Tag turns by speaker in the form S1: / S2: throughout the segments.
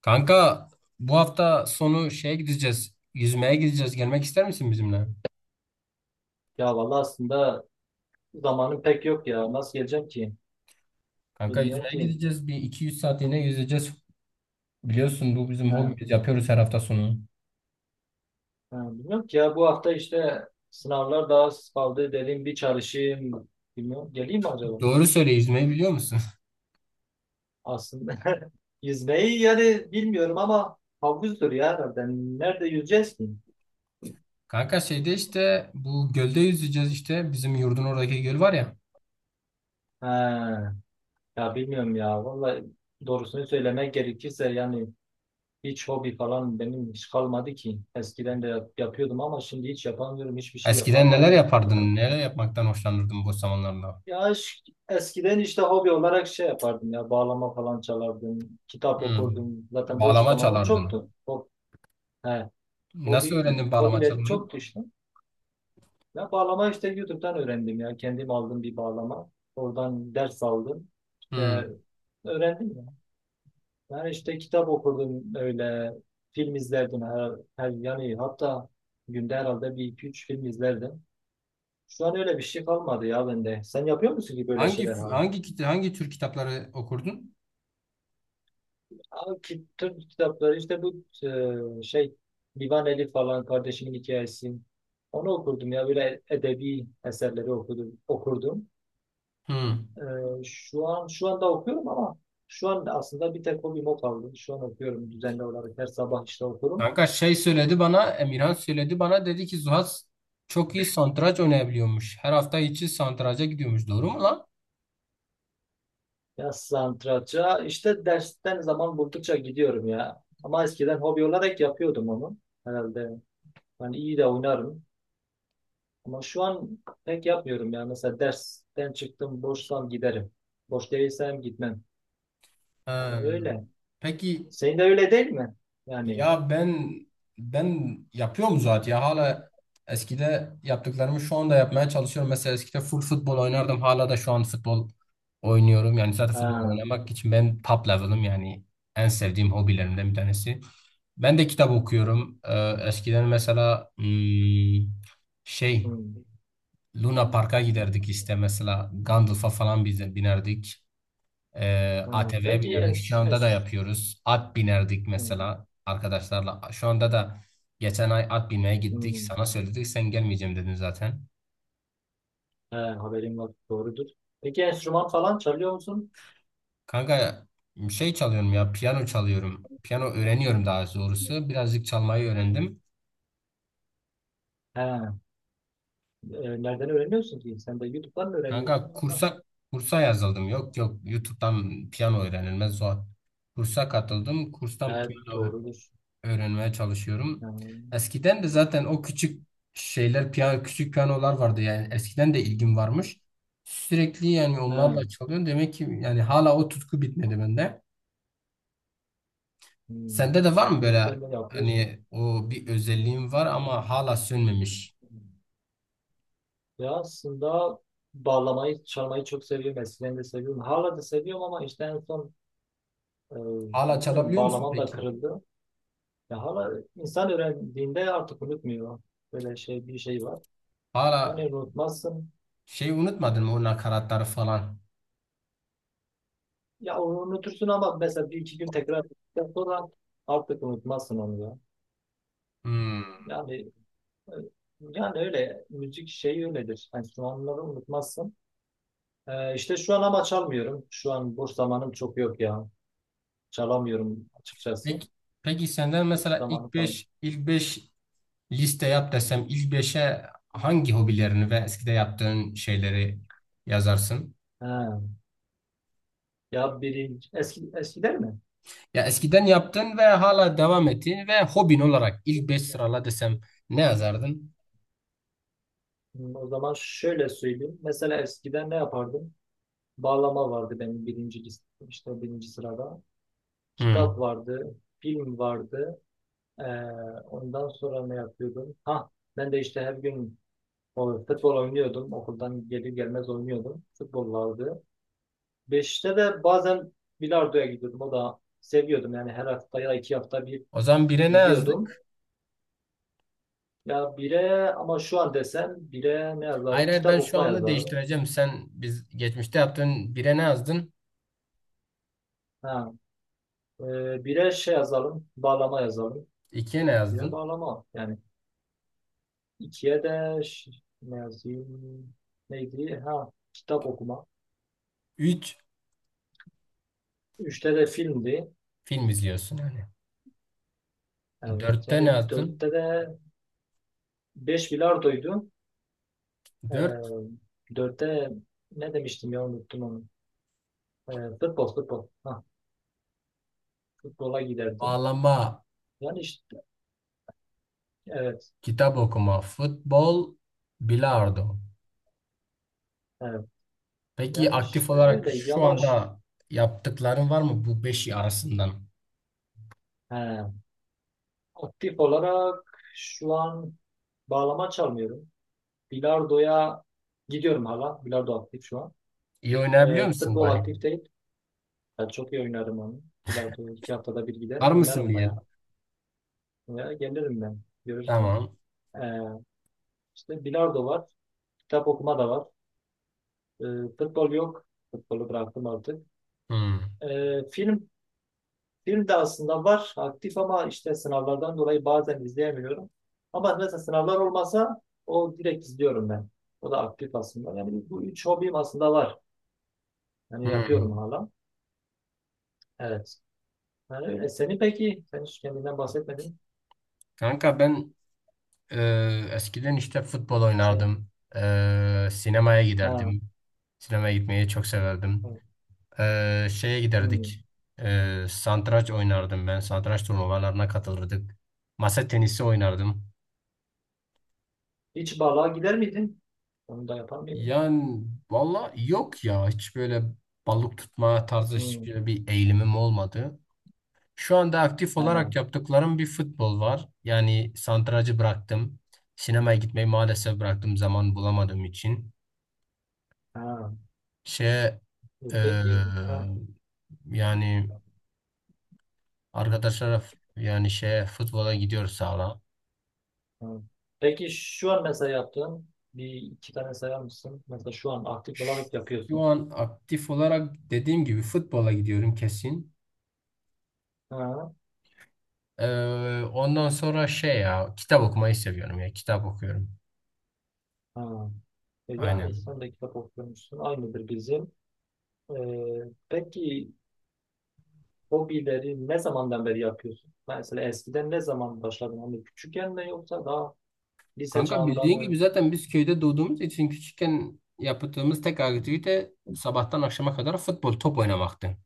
S1: Kanka bu hafta sonu gideceğiz. Yüzmeye gideceğiz. Gelmek ister misin bizimle?
S2: Ya vallahi aslında zamanım pek yok ya. Nasıl geleceğim ki?
S1: Kanka
S2: Bilmiyorum
S1: yüzmeye
S2: ki.
S1: gideceğiz. Bir 200 saatliğine yüzeceğiz. Biliyorsun bu bizim
S2: Ha,
S1: hobimiz. Yapıyoruz her hafta sonu.
S2: ha, bilmiyorum ki ya bu hafta işte sınavlar daha az kaldı dedim bir çalışayım. Bilmiyorum. Geleyim mi acaba?
S1: Doğru söyle yüzmeyi biliyor musun?
S2: Aslında yüzmeyi yani bilmiyorum ama havuzdur ya herhalde. Nerede yüzeceğiz ki?
S1: Kanka şeyde işte bu gölde yüzeceğiz işte. Bizim yurdun oradaki göl var ya.
S2: Ha, ya bilmiyorum ya. Vallahi doğrusunu söylemek gerekirse yani hiç hobi falan benim hiç kalmadı ki. Eskiden de yapıyordum ama şimdi hiç yapamıyorum. Hiçbir şey
S1: Eskiden neler
S2: yapamıyorum.
S1: yapardın? Neler yapmaktan hoşlanırdın bu zamanlarda?
S2: Ya eskiden işte hobi olarak şey yapardım ya bağlama falan çalardım, kitap
S1: Hmm.
S2: okurdum. Zaten boş
S1: Bağlama
S2: zamanım
S1: çalardın.
S2: çoktu. He,
S1: Nasıl
S2: hobi
S1: öğrendin bağlama
S2: hobilerim
S1: çalmayı?
S2: çoktu işte. Ya bağlama işte YouTube'dan öğrendim ya. Kendim aldım bir bağlama. Oradan ders aldım. İşte
S1: Hmm.
S2: öğrendim ya. Yani işte kitap okurdum öyle. Film izlerdim her yani hatta günde herhalde bir iki üç film izlerdim. Şu an öyle bir şey kalmadı ya bende. Sen yapıyor musun ki böyle şeyler hala?
S1: Hangi tür kitapları okurdun?
S2: Abi Türk kitapları işte bu şey Divan Elif falan kardeşimin hikayesi. Onu okurdum ya böyle edebi eserleri okudum, okurdum.
S1: Hmm.
S2: E, şu anda okuyorum ama şu an aslında bir tek hobim o kaldı. Şu an okuyorum düzenli olarak her sabah işte okurum.
S1: Kanka şey söyledi bana, Emirhan söyledi bana dedi ki Zuhas çok iyi satranç oynayabiliyormuş. Her hafta içi satranca gidiyormuş. Doğru mu lan?
S2: Ya satranca işte dersten zaman buldukça gidiyorum ya. Ama eskiden hobi olarak yapıyordum onu. Herhalde ben iyi de oynarım. Ama şu an pek yapmıyorum ya. Mesela dersten çıktım, boşsam giderim. Boş değilsem gitmem. Yani
S1: Ee,
S2: öyle.
S1: peki
S2: Senin de öyle değil mi? Yani.
S1: ya ben yapıyorum zaten ya hala eskide yaptıklarımı şu anda yapmaya çalışıyorum. Mesela eskide full futbol oynardım. Hala da şu an futbol oynuyorum. Yani zaten futbol
S2: Ha,
S1: oynamak için benim top level'ım yani en sevdiğim hobilerimden bir tanesi. Ben de kitap okuyorum. Eskiden mesela şey
S2: hmm,
S1: Luna Park'a giderdik işte mesela Gandalf'a falan bize binerdik.
S2: ha.
S1: ATV'ye
S2: Peki
S1: binerdik. Şu
S2: en,
S1: anda da yapıyoruz. At binerdik
S2: hmm,
S1: mesela arkadaşlarla. Şu anda da geçen ay at binmeye gittik.
S2: hmm.
S1: Sana söyledik sen gelmeyeceğim dedin zaten.
S2: Ha, haberim var. Doğrudur. Peki enstrüman falan çalıyor musun?
S1: Kanka çalıyorum ya piyano çalıyorum. Piyano öğreniyorum daha doğrusu. Birazcık çalmayı öğrendim.
S2: Ha, nereden öğreniyorsun ki? Sen de YouTube'dan mı öğreniyorsun
S1: Kanka
S2: yoksa?
S1: kursa yazıldım. Yok yok YouTube'dan piyano öğrenilmez zor. Kursa katıldım. Kurstan
S2: Ha,
S1: piyano
S2: doğrudur.
S1: öğrenmeye
S2: Ha,
S1: çalışıyorum. Eskiden de zaten o küçük şeyler, piyano, küçük piyanolar vardı yani eskiden de ilgim varmış. Sürekli yani
S2: ha,
S1: onlarla çalıyorum. Demek ki yani hala o tutku bitmedi bende.
S2: hmm.
S1: Sende de var mı
S2: Ne
S1: böyle
S2: güzel de yapıyorsun.
S1: hani o bir özelliğin var ama hala sönmemiş.
S2: Ya aslında bağlamayı, çalmayı çok seviyorum. Eskiden de seviyorum. Hala da seviyorum ama işte en son e,
S1: Hala
S2: bilmiyorum
S1: çalabiliyor musun
S2: bağlamam da
S1: peki?
S2: kırıldı. Ya hala insan öğrendiğinde artık unutmuyor. Böyle şey bir şey var.
S1: Hala
S2: Yani unutmazsın.
S1: unutmadın mı o nakaratları falan?
S2: Ya onu unutursun ama mesela bir iki gün tekrar ettikten sonra artık unutmazsın onu ya.
S1: Hmm.
S2: Yani e, yani öyle müzik şeyi öyledir. Enstrümanları unutmazsın. E, işte şu an ama çalmıyorum. Şu an boş zamanım çok yok ya. Çalamıyorum açıkçası.
S1: Peki, peki, senden
S2: Hiç
S1: mesela
S2: zamanı falan.
S1: ilk 5 liste yap desem ilk beşe hangi hobilerini ve eskide yaptığın şeyleri yazarsın?
S2: Ha. Ya biri eski, eskiden mi?
S1: Ya eskiden yaptın ve hala devam ettiğin ve hobin olarak ilk 5 sırala desem ne yazardın?
S2: Hmm, o zaman şöyle söyleyeyim. Mesela eskiden ne yapardım? Bağlama vardı benim birinci işte birinci sırada.
S1: Hmm.
S2: Kitap vardı, film vardı. Ee, ondan sonra ne yapıyordum? Ha, ben de işte her gün futbol oynuyordum. Okuldan gelir gelmez oynuyordum. Futbol vardı. Beşte de bazen bilardoya gidiyordum. O da seviyordum. Yani her hafta ya 2 hafta bir
S1: O zaman bire ne
S2: gidiyordum.
S1: yazdık?
S2: Ya bire ama şu an desem bire ne
S1: Hayır
S2: yazarım?
S1: hayır ben
S2: Kitap
S1: şu
S2: okuma
S1: anda
S2: yazarım.
S1: değiştireceğim. Sen biz geçmişte yaptığın bire ne yazdın?
S2: Ha, bire şey yazalım. Bağlama yazalım.
S1: İkiye ne
S2: Bire
S1: yazdın?
S2: bağlama. Yani ikiye de ne yazayım? Neydi? Ha, kitap okuma.
S1: Üç
S2: Üçte de filmdi.
S1: film izliyorsun yani.
S2: Evet.
S1: Dörtte ne
S2: Yani
S1: yazdın?
S2: dörtte de beş bilardoydu.
S1: Dört
S2: Ee, dörtte ne demiştim ya unuttum onu. Futbol futbol. Ha, futbola giderdim.
S1: bağlama,
S2: Yani işte evet.
S1: kitap okuma, futbol, bilardo.
S2: Evet.
S1: Peki
S2: Yani
S1: aktif
S2: işte
S1: olarak
S2: öyleydi
S1: şu
S2: ama
S1: anda yaptıkların var mı bu beşi arasından?
S2: he. Aktif olarak şu an bağlama çalmıyorum. Bilardoya gidiyorum hala. Bilardo aktif şu an.
S1: İyi oynayabiliyor
S2: Ee,
S1: musun
S2: futbol
S1: bari?
S2: aktif değil. Ben çok iyi oynarım onu. Bilardo 2 haftada bir giderim
S1: Var mısın
S2: oynarım
S1: bir el?
S2: bayağı. Veya gelirim ben. Görürsün.
S1: Tamam.
S2: Ee, işte bilardo var. Kitap okuma da var. Ee, futbol yok. Futbolu bıraktım artık.
S1: Hmm.
S2: Ee, film Film de aslında var aktif ama işte sınavlardan dolayı bazen izleyemiyorum. Ama mesela sınavlar olmasa o direkt izliyorum ben. O da aktif aslında. Yani bu üç hobim aslında var. Yani
S1: Hmm.
S2: yapıyorum hala. Evet. Yani öyle. Seni peki, sen hiç kendinden bahsetmedin.
S1: Kanka ben eskiden işte futbol
S2: Sen,
S1: oynardım. Sinemaya
S2: ha,
S1: giderdim. Sinemaya gitmeyi çok severdim.
S2: evet.
S1: Şeye giderdik.
S2: Hmm.
S1: Satranç oynardım ben. Satranç turnuvalarına katılırdık. Masa tenisi oynardım.
S2: Hiç balığa gider miydin? Onu da yapar mıydın?
S1: Yani valla yok ya hiç böyle balık tutma tarzı
S2: Hmm.
S1: hiçbir eğilimim olmadı. Şu anda aktif
S2: Ha,
S1: olarak yaptıklarım bir futbol var. Yani santracı bıraktım. Sinemaya gitmeyi maalesef bıraktım zaman bulamadığım için.
S2: ha.
S1: Şey
S2: Peki,
S1: eee,
S2: ha,
S1: Yani arkadaşlara f- yani şey futbola gidiyoruz hala.
S2: ha. Peki şu an mesela yaptığın bir iki tane sayar mısın? Mesela şu an aktif olarak
S1: Şu
S2: yapıyorsun.
S1: an aktif olarak dediğim gibi futbola gidiyorum kesin.
S2: Ha,
S1: Ondan sonra ya kitap okumayı seviyorum ya kitap okuyorum.
S2: ha. E yani
S1: Aynen.
S2: sen de kitap okumuşsun. Aynıdır bizim. Peki hobileri ne zamandan beri yapıyorsun? Mesela eskiden ne zaman başladın? Hani küçükken mi yoksa daha lise
S1: Kanka
S2: çağında
S1: bildiğin gibi
S2: mı?
S1: zaten biz köyde doğduğumuz için küçükken yaptığımız tek aktivite sabahtan akşama kadar futbol top oynamaktı.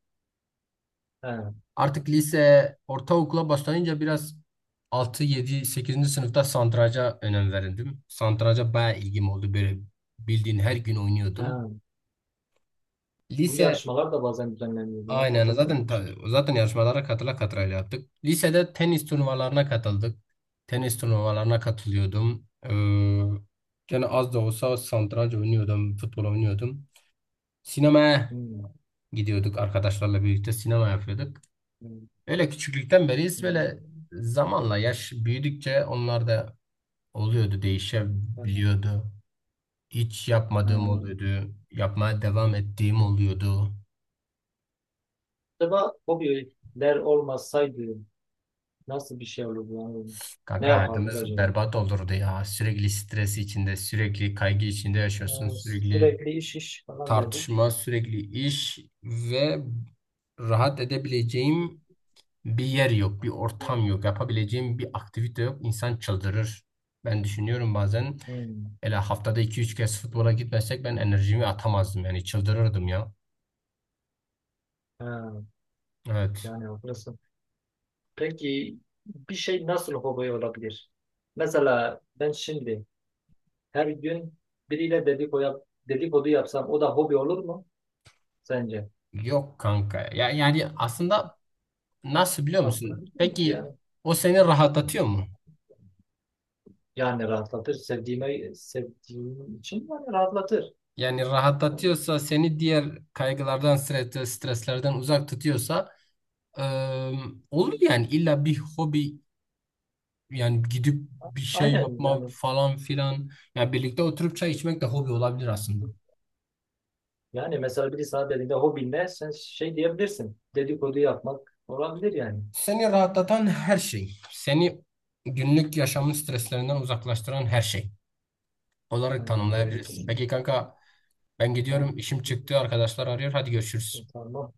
S2: He,
S1: Artık lise ortaokula başlayınca biraz 6, 7, 8'inci sınıfta satranca önem verirdim. Satranca bayağı ilgim oldu böyle bildiğin her gün oynuyordum.
S2: he. Bu
S1: Lise
S2: yarışmalar da bazen düzenleniyor. Buna
S1: Aynen
S2: katıldın mı
S1: zaten
S2: hiç?
S1: zaten yarışmalara katıla katıla yaptık. Lisede tenis turnuvalarına katıldık. Tenis turnuvalarına katılıyordum. Gene az da olsa satranç oynuyordum, futbol oynuyordum. Sinemaya
S2: Hmm,
S1: gidiyorduk arkadaşlarla birlikte sinema yapıyorduk.
S2: hmm,
S1: Öyle küçüklükten beriyiz böyle
S2: hmm.
S1: zamanla yaş büyüdükçe onlar da oluyordu,
S2: Evet,
S1: değişebiliyordu. Hiç yapmadığım
S2: he.
S1: oluyordu, yapmaya devam ettiğim oluyordu.
S2: Acaba hobiler olmasaydı nasıl bir şey olurdu? Yani ne
S1: Kanka
S2: yapardık
S1: hayatımız
S2: acaba?
S1: berbat olurdu ya. Sürekli stres içinde, sürekli kaygı içinde yaşıyorsun.
S2: Ee,
S1: Sürekli
S2: sürekli iş iş falan derdik.
S1: tartışma, sürekli iş ve rahat edebileceğim bir yer yok, bir ortam yok. Yapabileceğim bir aktivite yok. İnsan çıldırır. Ben düşünüyorum bazen
S2: Hmm.
S1: hele haftada iki üç kez futbola gitmesek ben enerjimi atamazdım. Yani çıldırırdım ya.
S2: Ha,
S1: Evet.
S2: yani haklısın. Peki bir şey nasıl hobi olabilir? Mesela ben şimdi her gün biriyle dedikodu yapsam o da hobi olur mu sence?
S1: Yok kanka. Ya, yani aslında nasıl biliyor
S2: Aslında
S1: musun?
S2: bilmiyorum ki
S1: Peki
S2: yani.
S1: o seni rahatlatıyor mu?
S2: Yani rahatlatır. Sevdiğime, sevdiğim için yani rahatlatır.
S1: Yani rahatlatıyorsa seni diğer kaygılardan, streslerden uzak tutuyorsa eee, olur yani illa bir hobi yani gidip bir şey
S2: Aynen
S1: yapma
S2: yani.
S1: falan filan. Yani birlikte oturup çay içmek de hobi olabilir aslında.
S2: Yani mesela biri sana dediğinde hobin ne? Sen şey diyebilirsin. Dedikodu yapmak olabilir yani.
S1: Seni rahatlatan her şey, seni günlük yaşamın streslerinden uzaklaştıran her şey olarak
S2: Yani doğrudur.
S1: tanımlayabiliriz. Peki kanka ben gidiyorum
S2: Ha,
S1: işim çıktı arkadaşlar arıyor hadi görüşürüz.
S2: tamam.